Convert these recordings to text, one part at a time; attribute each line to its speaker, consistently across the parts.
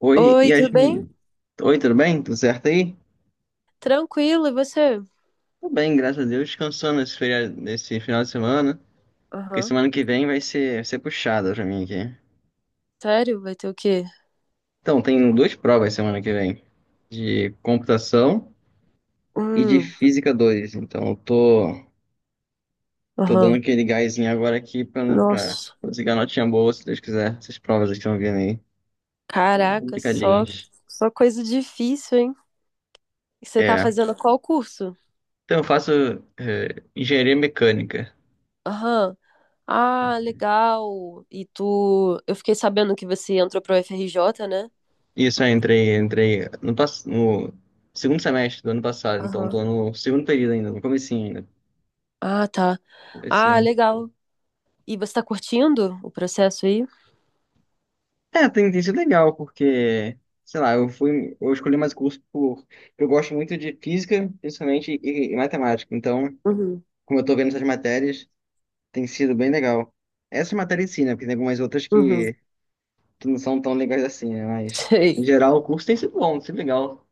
Speaker 1: Oi,
Speaker 2: Oi, tudo bem?
Speaker 1: Yasmin. Oi, tudo bem? Tudo certo aí?
Speaker 2: Tranquilo, e você?
Speaker 1: Tudo bem, graças a Deus, descansando esse feriado, nesse final de semana, porque
Speaker 2: Aham.
Speaker 1: semana que vem vai ser, puxada pra mim aqui.
Speaker 2: Sério? Vai ter o quê?
Speaker 1: Então, tem duas provas semana que vem, de computação e de
Speaker 2: Hum,
Speaker 1: física 2. Então, eu tô dando
Speaker 2: aham.
Speaker 1: aquele gásinho agora aqui pra
Speaker 2: Nossa.
Speaker 1: conseguir a notinha boa, se Deus quiser. Essas provas que estão vindo aí,
Speaker 2: Caraca,
Speaker 1: complicadinhas.
Speaker 2: só coisa difícil, hein? E você tá
Speaker 1: É.
Speaker 2: fazendo qual curso?
Speaker 1: Então, eu faço, engenharia mecânica.
Speaker 2: Aham. Ah, legal. E tu. Eu fiquei sabendo que você entrou pro FRJ, né?
Speaker 1: Isso, eu entrei no segundo semestre do ano passado, então
Speaker 2: Aham.
Speaker 1: tô no segundo período ainda, no comecinho ainda.
Speaker 2: Ah, tá. Ah,
Speaker 1: Comecinho.
Speaker 2: legal. E você tá curtindo o processo aí?
Speaker 1: É, tem sido legal, porque, sei lá, eu escolhi mais curso por, eu gosto muito de física, principalmente, e matemática, então,
Speaker 2: Uhum.
Speaker 1: como eu tô vendo essas matérias, tem sido bem legal. Essa matéria em si, né, porque tem algumas outras
Speaker 2: Uhum.
Speaker 1: que não são tão legais assim, né, mas, em
Speaker 2: Sei.
Speaker 1: geral, o curso tem sido bom, tem sido legal.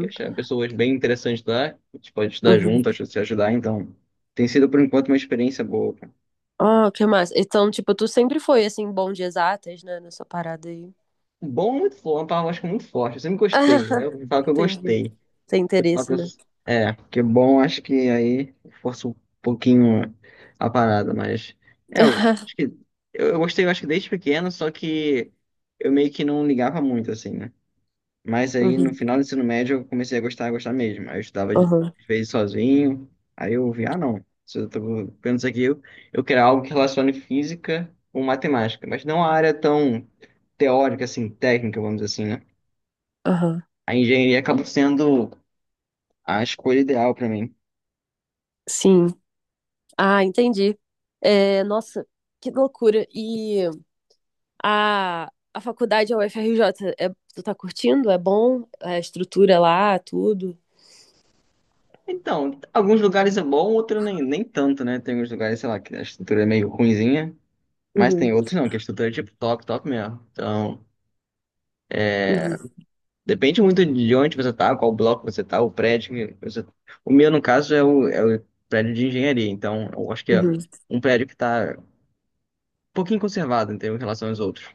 Speaker 1: Eu tinha pessoas bem interessantes lá, a gente pode estudar
Speaker 2: Uhum.
Speaker 1: junto, acho que se ajudar, então. Tem sido, por enquanto, uma experiência boa, cara.
Speaker 2: Ah, que massa. Então, tipo, tu sempre foi, assim, bom de exatas, né? Nessa parada aí.
Speaker 1: Um bom é muito forte, uma palavra acho que é muito forte. Eu sempre gostei, né?
Speaker 2: Ah,
Speaker 1: Eu falo que eu
Speaker 2: entendi.
Speaker 1: gostei.
Speaker 2: Tem
Speaker 1: Eu falo
Speaker 2: interesse,
Speaker 1: que eu-
Speaker 2: né?
Speaker 1: É, porque bom, acho que aí força um pouquinho a parada, mas. É, eu acho que. Eu gostei, eu acho que desde pequeno, só que eu meio que não ligava muito, assim, né? Mas aí no
Speaker 2: Uhum,
Speaker 1: final do ensino médio eu comecei a gostar mesmo. Aí eu estudava
Speaker 2: aham,
Speaker 1: às vezes sozinho, aí eu vi, ah não, se eu tô vendo isso aqui, eu quero algo que relacione física com matemática, mas não a área tão teórica, assim, técnica, vamos dizer assim, né?
Speaker 2: aham.
Speaker 1: A engenharia acabou sendo a escolha ideal para mim.
Speaker 2: Sim. Ah, entendi. É, nossa, que loucura. E a, a faculdade, a UFRJ, é, tu tá curtindo? É bom? A estrutura lá, tudo?
Speaker 1: Então, alguns lugares é bom, outros nem tanto, né? Tem uns lugares, sei lá, que a estrutura é meio ruinzinha, mas
Speaker 2: Uhum,
Speaker 1: tem outros não, que a estrutura é tipo top, top mesmo. Então.
Speaker 2: uhum,
Speaker 1: Depende muito de onde você tá, qual bloco você tá, o prédio que você tá. O meu, no caso, é o prédio de engenharia. Então, eu acho que é
Speaker 2: uhum.
Speaker 1: um prédio que tá um pouquinho conservado em relação aos outros.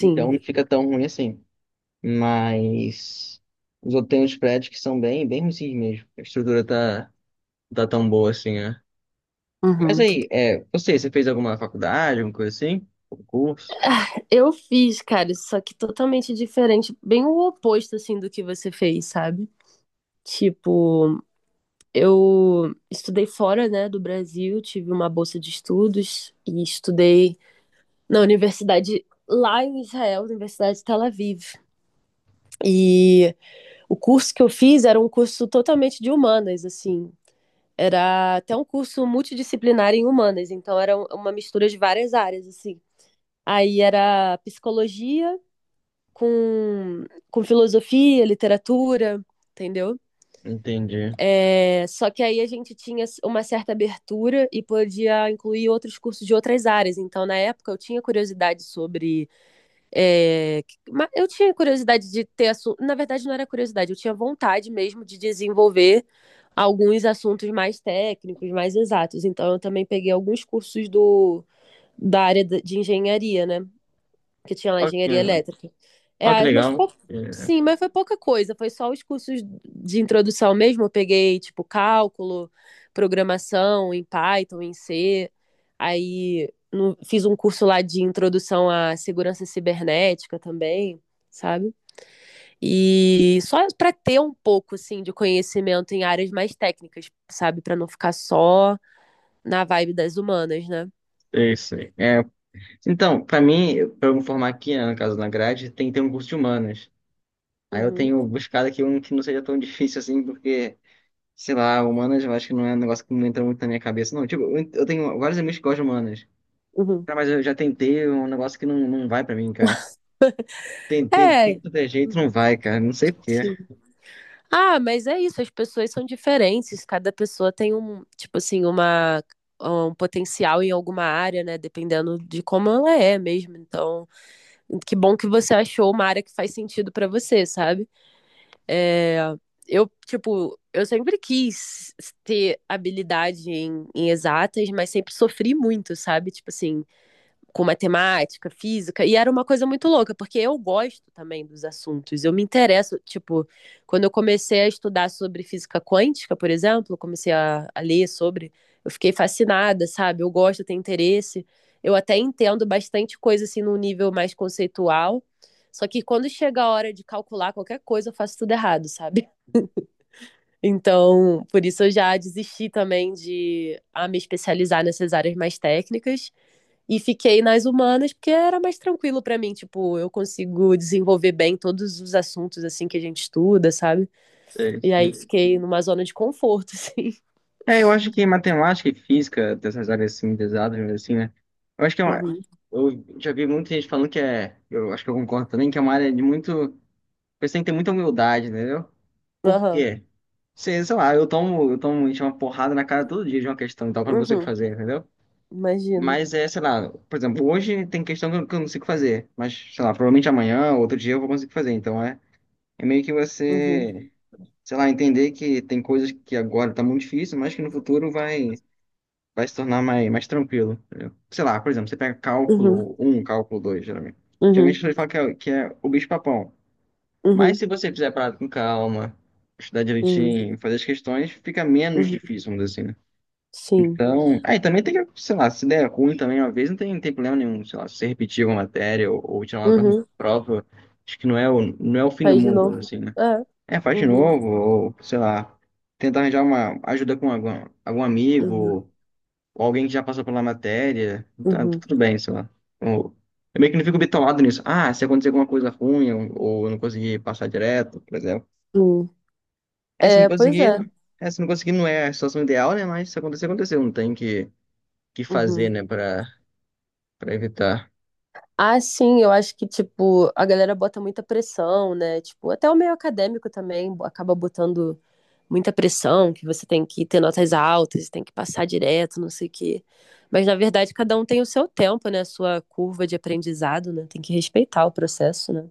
Speaker 1: Então, não fica tão ruim assim. Mas os outros tem uns prédios que são bem, bem ruins mesmo. A estrutura tá tão boa assim, né? Mas
Speaker 2: Uhum.
Speaker 1: aí, é, você fez alguma faculdade, alguma coisa assim? Um curso?
Speaker 2: Eu fiz, cara, só que totalmente diferente, bem o oposto, assim, do que você fez, sabe? Tipo, eu estudei fora, né, do Brasil, tive uma bolsa de estudos e estudei na universidade lá em Israel, Universidade de Tel Aviv. E o curso que eu fiz era um curso totalmente de humanas, assim. Era até um curso multidisciplinar em humanas, então era uma mistura de várias áreas, assim. Aí era psicologia com, com filosofia, literatura, entendeu?
Speaker 1: Entendi.
Speaker 2: É, só que aí a gente tinha uma certa abertura e podia incluir outros cursos de outras áreas. Então, na época, eu tinha curiosidade sobre. é, eu tinha curiosidade de ter assunto. Na verdade, não era curiosidade, eu tinha vontade mesmo de desenvolver alguns assuntos mais técnicos, mais exatos. Então, eu também peguei alguns cursos da área de engenharia, né? Que tinha lá
Speaker 1: Ó,
Speaker 2: engenharia
Speaker 1: que
Speaker 2: elétrica.
Speaker 1: ó, que
Speaker 2: É, mas
Speaker 1: legal.
Speaker 2: pou-
Speaker 1: É,
Speaker 2: sim, mas foi pouca coisa, foi só os cursos de introdução mesmo. Eu peguei, tipo, cálculo, programação em Python, em C. Aí no- Fiz um curso lá de introdução à segurança cibernética também, sabe? E só para ter um pouco, assim, de conhecimento em áreas mais técnicas, sabe? Para não ficar só na vibe das humanas, né?
Speaker 1: é isso aí. Então, para mim, para eu me formar aqui, né, no caso na grade, tem que ter um curso de humanas. Aí eu
Speaker 2: Uhum,
Speaker 1: tenho buscado aqui um que não seja tão difícil assim, porque, sei lá, humanas eu acho que não é um negócio que não entra muito na minha cabeça. Não, tipo, eu tenho vários amigos que gostam de humanas.
Speaker 2: uhum.
Speaker 1: Cara, mas eu já tentei é um negócio que não vai para mim, cara. Tentei de tudo
Speaker 2: É.
Speaker 1: quanto é jeito,
Speaker 2: Uhum,
Speaker 1: não vai, cara. Não sei por quê.
Speaker 2: sim. Ah, mas é isso, as pessoas são diferentes, cada pessoa tem um potencial em alguma área, né? Dependendo de como ela é mesmo. Então, que bom que você achou uma área que faz sentido pra você, sabe? É, eu, tipo, eu sempre quis ter habilidade em, em exatas, mas sempre sofri muito, sabe? Tipo assim, com matemática, física, e era uma coisa muito louca, porque eu gosto também dos assuntos, eu me interesso, tipo, quando eu comecei a estudar sobre física quântica, por exemplo, eu comecei a ler sobre, eu fiquei fascinada, sabe? Eu gosto, eu tenho interesse, eu até entendo bastante coisa, assim, num nível mais conceitual, só que quando chega a hora de calcular qualquer coisa, eu faço tudo errado, sabe? Então, por isso eu já desisti também de a me especializar nessas áreas mais técnicas, e fiquei nas humanas porque era mais tranquilo pra mim, tipo, eu consigo desenvolver bem todos os assuntos assim que a gente estuda, sabe?
Speaker 1: É,
Speaker 2: E aí
Speaker 1: isso.
Speaker 2: fiquei numa zona de conforto, assim.
Speaker 1: É, eu acho que matemática e física, dessas áreas assim, pesadas, assim, né? Eu acho que é uma.
Speaker 2: Uhum.
Speaker 1: Eu já vi muita gente falando que é. Eu acho que eu concordo também, que é uma área de muito. Você tem que ter muita humildade, entendeu? Por
Speaker 2: Aham.
Speaker 1: quê? Sei lá, eu tomo gente, uma porrada na cara todo dia de uma questão, então que eu não consigo
Speaker 2: Uhum.
Speaker 1: fazer, entendeu?
Speaker 2: Imagino.
Speaker 1: Mas é, sei lá, por exemplo, hoje tem questão que eu não consigo fazer, mas, sei lá, provavelmente amanhã, outro dia eu vou conseguir fazer, então é meio que
Speaker 2: Uhum.
Speaker 1: você, sei lá, entender que tem coisas que agora tá muito difícil, mas que no futuro vai se tornar mais tranquilo, entendeu? Sei lá, por exemplo, você pega
Speaker 2: Uhum.
Speaker 1: cálculo um, cálculo 2 geralmente. Geralmente as
Speaker 2: Uhum.
Speaker 1: pessoas falam que é o bicho-papão, mas
Speaker 2: Uhum.
Speaker 1: se você fizer a parada com calma, estudar
Speaker 2: Uhum.
Speaker 1: direitinho, fazer as questões, fica menos
Speaker 2: Uhum.
Speaker 1: difícil, vamos dizer assim, né?
Speaker 2: Sim.
Speaker 1: Então, aí também tem que, sei lá, se der ruim também uma vez, não tem problema nenhum, sei lá, se você repetir uma matéria ou tirar uma nota ruim
Speaker 2: Uhum.
Speaker 1: prova, acho que não é o fim do
Speaker 2: Faz de
Speaker 1: mundo,
Speaker 2: novo.
Speaker 1: assim, né?
Speaker 2: É.
Speaker 1: É, faz de
Speaker 2: Uhum.
Speaker 1: novo, ou, sei lá, tentar arranjar uma ajuda com algum amigo,
Speaker 2: Uhum.
Speaker 1: ou alguém que já passou pela matéria, então tá
Speaker 2: Uhum.
Speaker 1: tudo bem, sei lá. Ou- eu meio que não fico bitolado nisso. Ah, se acontecer alguma coisa ruim, ou eu não conseguir passar direto, por exemplo.
Speaker 2: Uhum.
Speaker 1: É, se não
Speaker 2: É, pois é.
Speaker 1: conseguir, é, se não conseguir não é a situação ideal, né? Mas se acontecer, aconteceu. Não tem que fazer,
Speaker 2: Uhum.
Speaker 1: né, para evitar.
Speaker 2: Ah, sim, eu acho que, tipo, a galera bota muita pressão, né? Tipo, até o meio acadêmico também acaba botando muita pressão, que você tem que ter notas altas, tem que passar direto, não sei o quê. Mas, na verdade, cada um tem o seu tempo, né? A sua curva de aprendizado, né? Tem que respeitar o processo, né?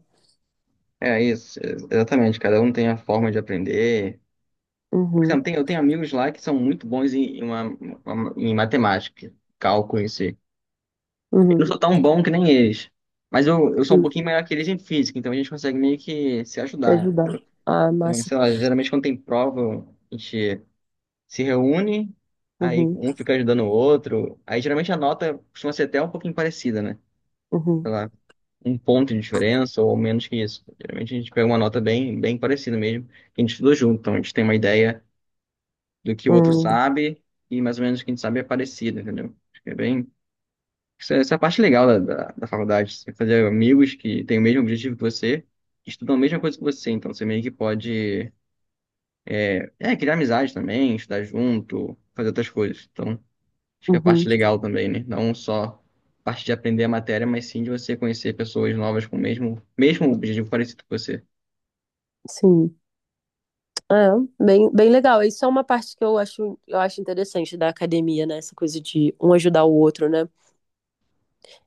Speaker 1: É isso, exatamente. Cada um tem a forma de aprender. Por exemplo,
Speaker 2: Uhum,
Speaker 1: eu tenho amigos lá que são muito bons em matemática, cálculo em si. Eu não
Speaker 2: uhum,
Speaker 1: sou tão bom que nem eles. Mas eu sou um
Speaker 2: uhum.
Speaker 1: pouquinho melhor que eles em física, então a gente consegue meio que se
Speaker 2: Te
Speaker 1: ajudar.
Speaker 2: ajudar. Ah,
Speaker 1: Então,
Speaker 2: massa.
Speaker 1: sei lá, geralmente quando tem prova, a gente se reúne, aí
Speaker 2: Uhum,
Speaker 1: um fica ajudando o outro. Aí geralmente a nota costuma ser até um pouquinho parecida, né?
Speaker 2: uhum,
Speaker 1: Um ponto de diferença ou menos que isso. Geralmente a gente pega uma nota bem, bem parecida mesmo, que a gente estudou junto, então a gente tem uma ideia do que o outro
Speaker 2: uhum,
Speaker 1: sabe e mais ou menos o que a gente sabe é parecido, entendeu? Acho que é bem... Essa é a parte legal da faculdade. Você fazer amigos que têm o mesmo objetivo que você, estudam a mesma coisa que você, então você meio que pode, criar amizade também, estudar junto, fazer outras coisas. Então, acho que é a
Speaker 2: uhum.
Speaker 1: parte legal também, né? Não só a parte de aprender a matéria, mas sim de você conhecer pessoas novas com o mesmo objetivo parecido com você.
Speaker 2: Sim. É, bem legal. Isso é uma parte que eu acho interessante da academia, né? Essa coisa de um ajudar o outro, né?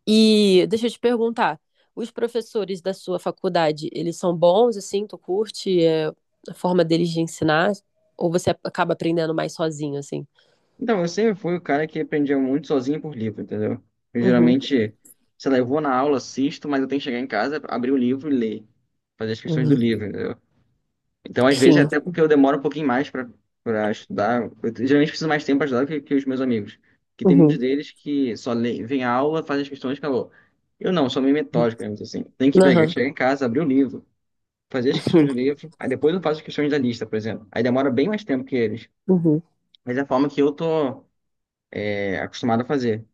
Speaker 2: E deixa eu te perguntar, os professores da sua faculdade, eles são bons, assim? Tu curte, é, a forma deles de ensinar? Ou você acaba aprendendo mais sozinho, assim?
Speaker 1: Então, eu sempre fui o cara que aprendia muito sozinho por livro, entendeu? Eu
Speaker 2: Uhum,
Speaker 1: geralmente, sei lá, eu vou na aula, assisto, mas eu tenho que chegar em casa, abrir o livro e ler. Fazer as questões do
Speaker 2: uhum.
Speaker 1: livro, entendeu? Então, às vezes,
Speaker 2: Sim.
Speaker 1: até porque eu demoro um pouquinho mais para estudar, eu geralmente preciso mais tempo para estudar que os meus amigos, que tem muitos
Speaker 2: Uhum.
Speaker 1: deles que só leem, vêm à aula, fazem as questões, e acabou. Eu não. Sou meio metódico, digamos assim. Tem que pegar,
Speaker 2: Aham.
Speaker 1: chegar em casa, abrir o livro, fazer as questões
Speaker 2: Uhum.
Speaker 1: do livro, aí depois eu faço as questões da lista, por exemplo. Aí demora bem mais tempo que eles.
Speaker 2: Uhum.
Speaker 1: Mas é a forma que eu tô acostumado a fazer.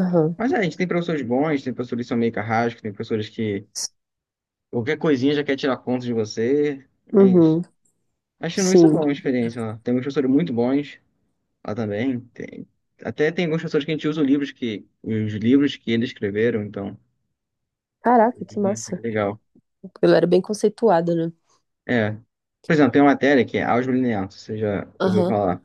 Speaker 2: Aham.
Speaker 1: Mas é, a gente tem professores bons, tem professores que são meio carrascos, tem professores que qualquer coisinha já quer tirar conta de você, mas...
Speaker 2: Uhum.
Speaker 1: Acho que isso é
Speaker 2: Sim.
Speaker 1: bom, uma experiência lá. Tem professores muito bons. Ah, também tem. Até tem alguns professores que a gente usa os livros que eles escreveram, então.
Speaker 2: Caraca, que
Speaker 1: Uhum, é
Speaker 2: massa.
Speaker 1: legal.
Speaker 2: Ela era bem conceituada, né?
Speaker 1: É. Por exemplo, tem uma matéria que é álgebra linear, se você já ouviu
Speaker 2: Aham.
Speaker 1: falar.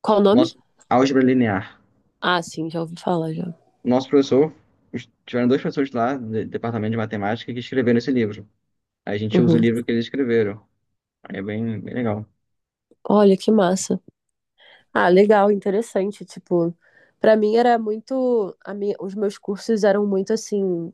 Speaker 2: Qual o nome?
Speaker 1: Nosso, álgebra linear.
Speaker 2: Ah, sim, já ouvi falar já.
Speaker 1: Nosso professor, tiveram dois professores lá do departamento de matemática que escreveram esse livro. Aí a gente usa o
Speaker 2: Uhum.
Speaker 1: livro que eles escreveram. Aí é bem, bem legal.
Speaker 2: Olha que massa. Ah, legal, interessante. Tipo, pra mim era muito, os meus cursos eram muito assim,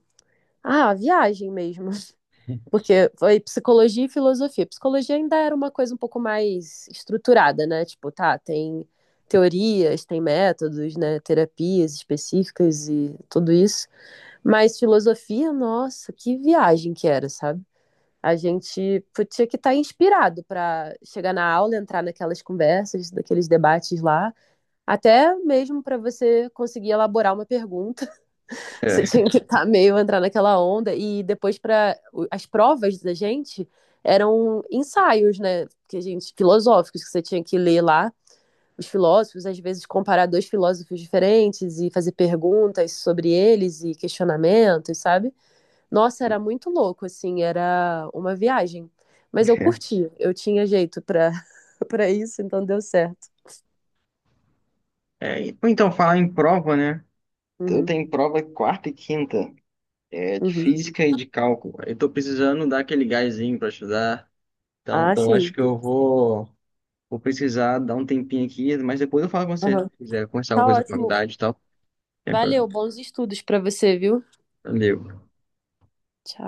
Speaker 2: ah, viagem mesmo, porque foi psicologia e filosofia. Psicologia ainda era uma coisa um pouco mais estruturada, né? Tipo, tá, tem teorias, tem métodos, né? Terapias específicas e tudo isso. Mas filosofia, nossa, que viagem que era, sabe? A gente tinha que estar inspirado para chegar na aula, entrar naquelas conversas, daqueles debates lá, até mesmo para você conseguir elaborar uma pergunta. Você tinha
Speaker 1: É.
Speaker 2: que estar meio entrar naquela onda e depois para as provas da gente eram ensaios, né, que a gente filosóficos que você tinha que ler lá os filósofos, às vezes comparar dois filósofos diferentes e fazer perguntas sobre eles e questionamentos, sabe? Nossa, era muito louco, assim, era uma viagem. Mas eu curti, eu tinha jeito pra para isso, então deu certo.
Speaker 1: É, ou então, falar em prova, né? Eu
Speaker 2: Uhum,
Speaker 1: tenho prova quarta e quinta, de
Speaker 2: uhum.
Speaker 1: física e de cálculo. Eu tô precisando dar aquele gásinho para estudar. Então,
Speaker 2: Ah,
Speaker 1: então acho
Speaker 2: sim.
Speaker 1: que eu vou precisar dar um tempinho aqui, mas depois eu falo com você. Se
Speaker 2: Aham.
Speaker 1: quiser conversar alguma
Speaker 2: Tá
Speaker 1: coisa com a
Speaker 2: ótimo.
Speaker 1: faculdade e tal. É pra-
Speaker 2: Valeu, bons estudos pra você, viu?
Speaker 1: Valeu.
Speaker 2: Tchau.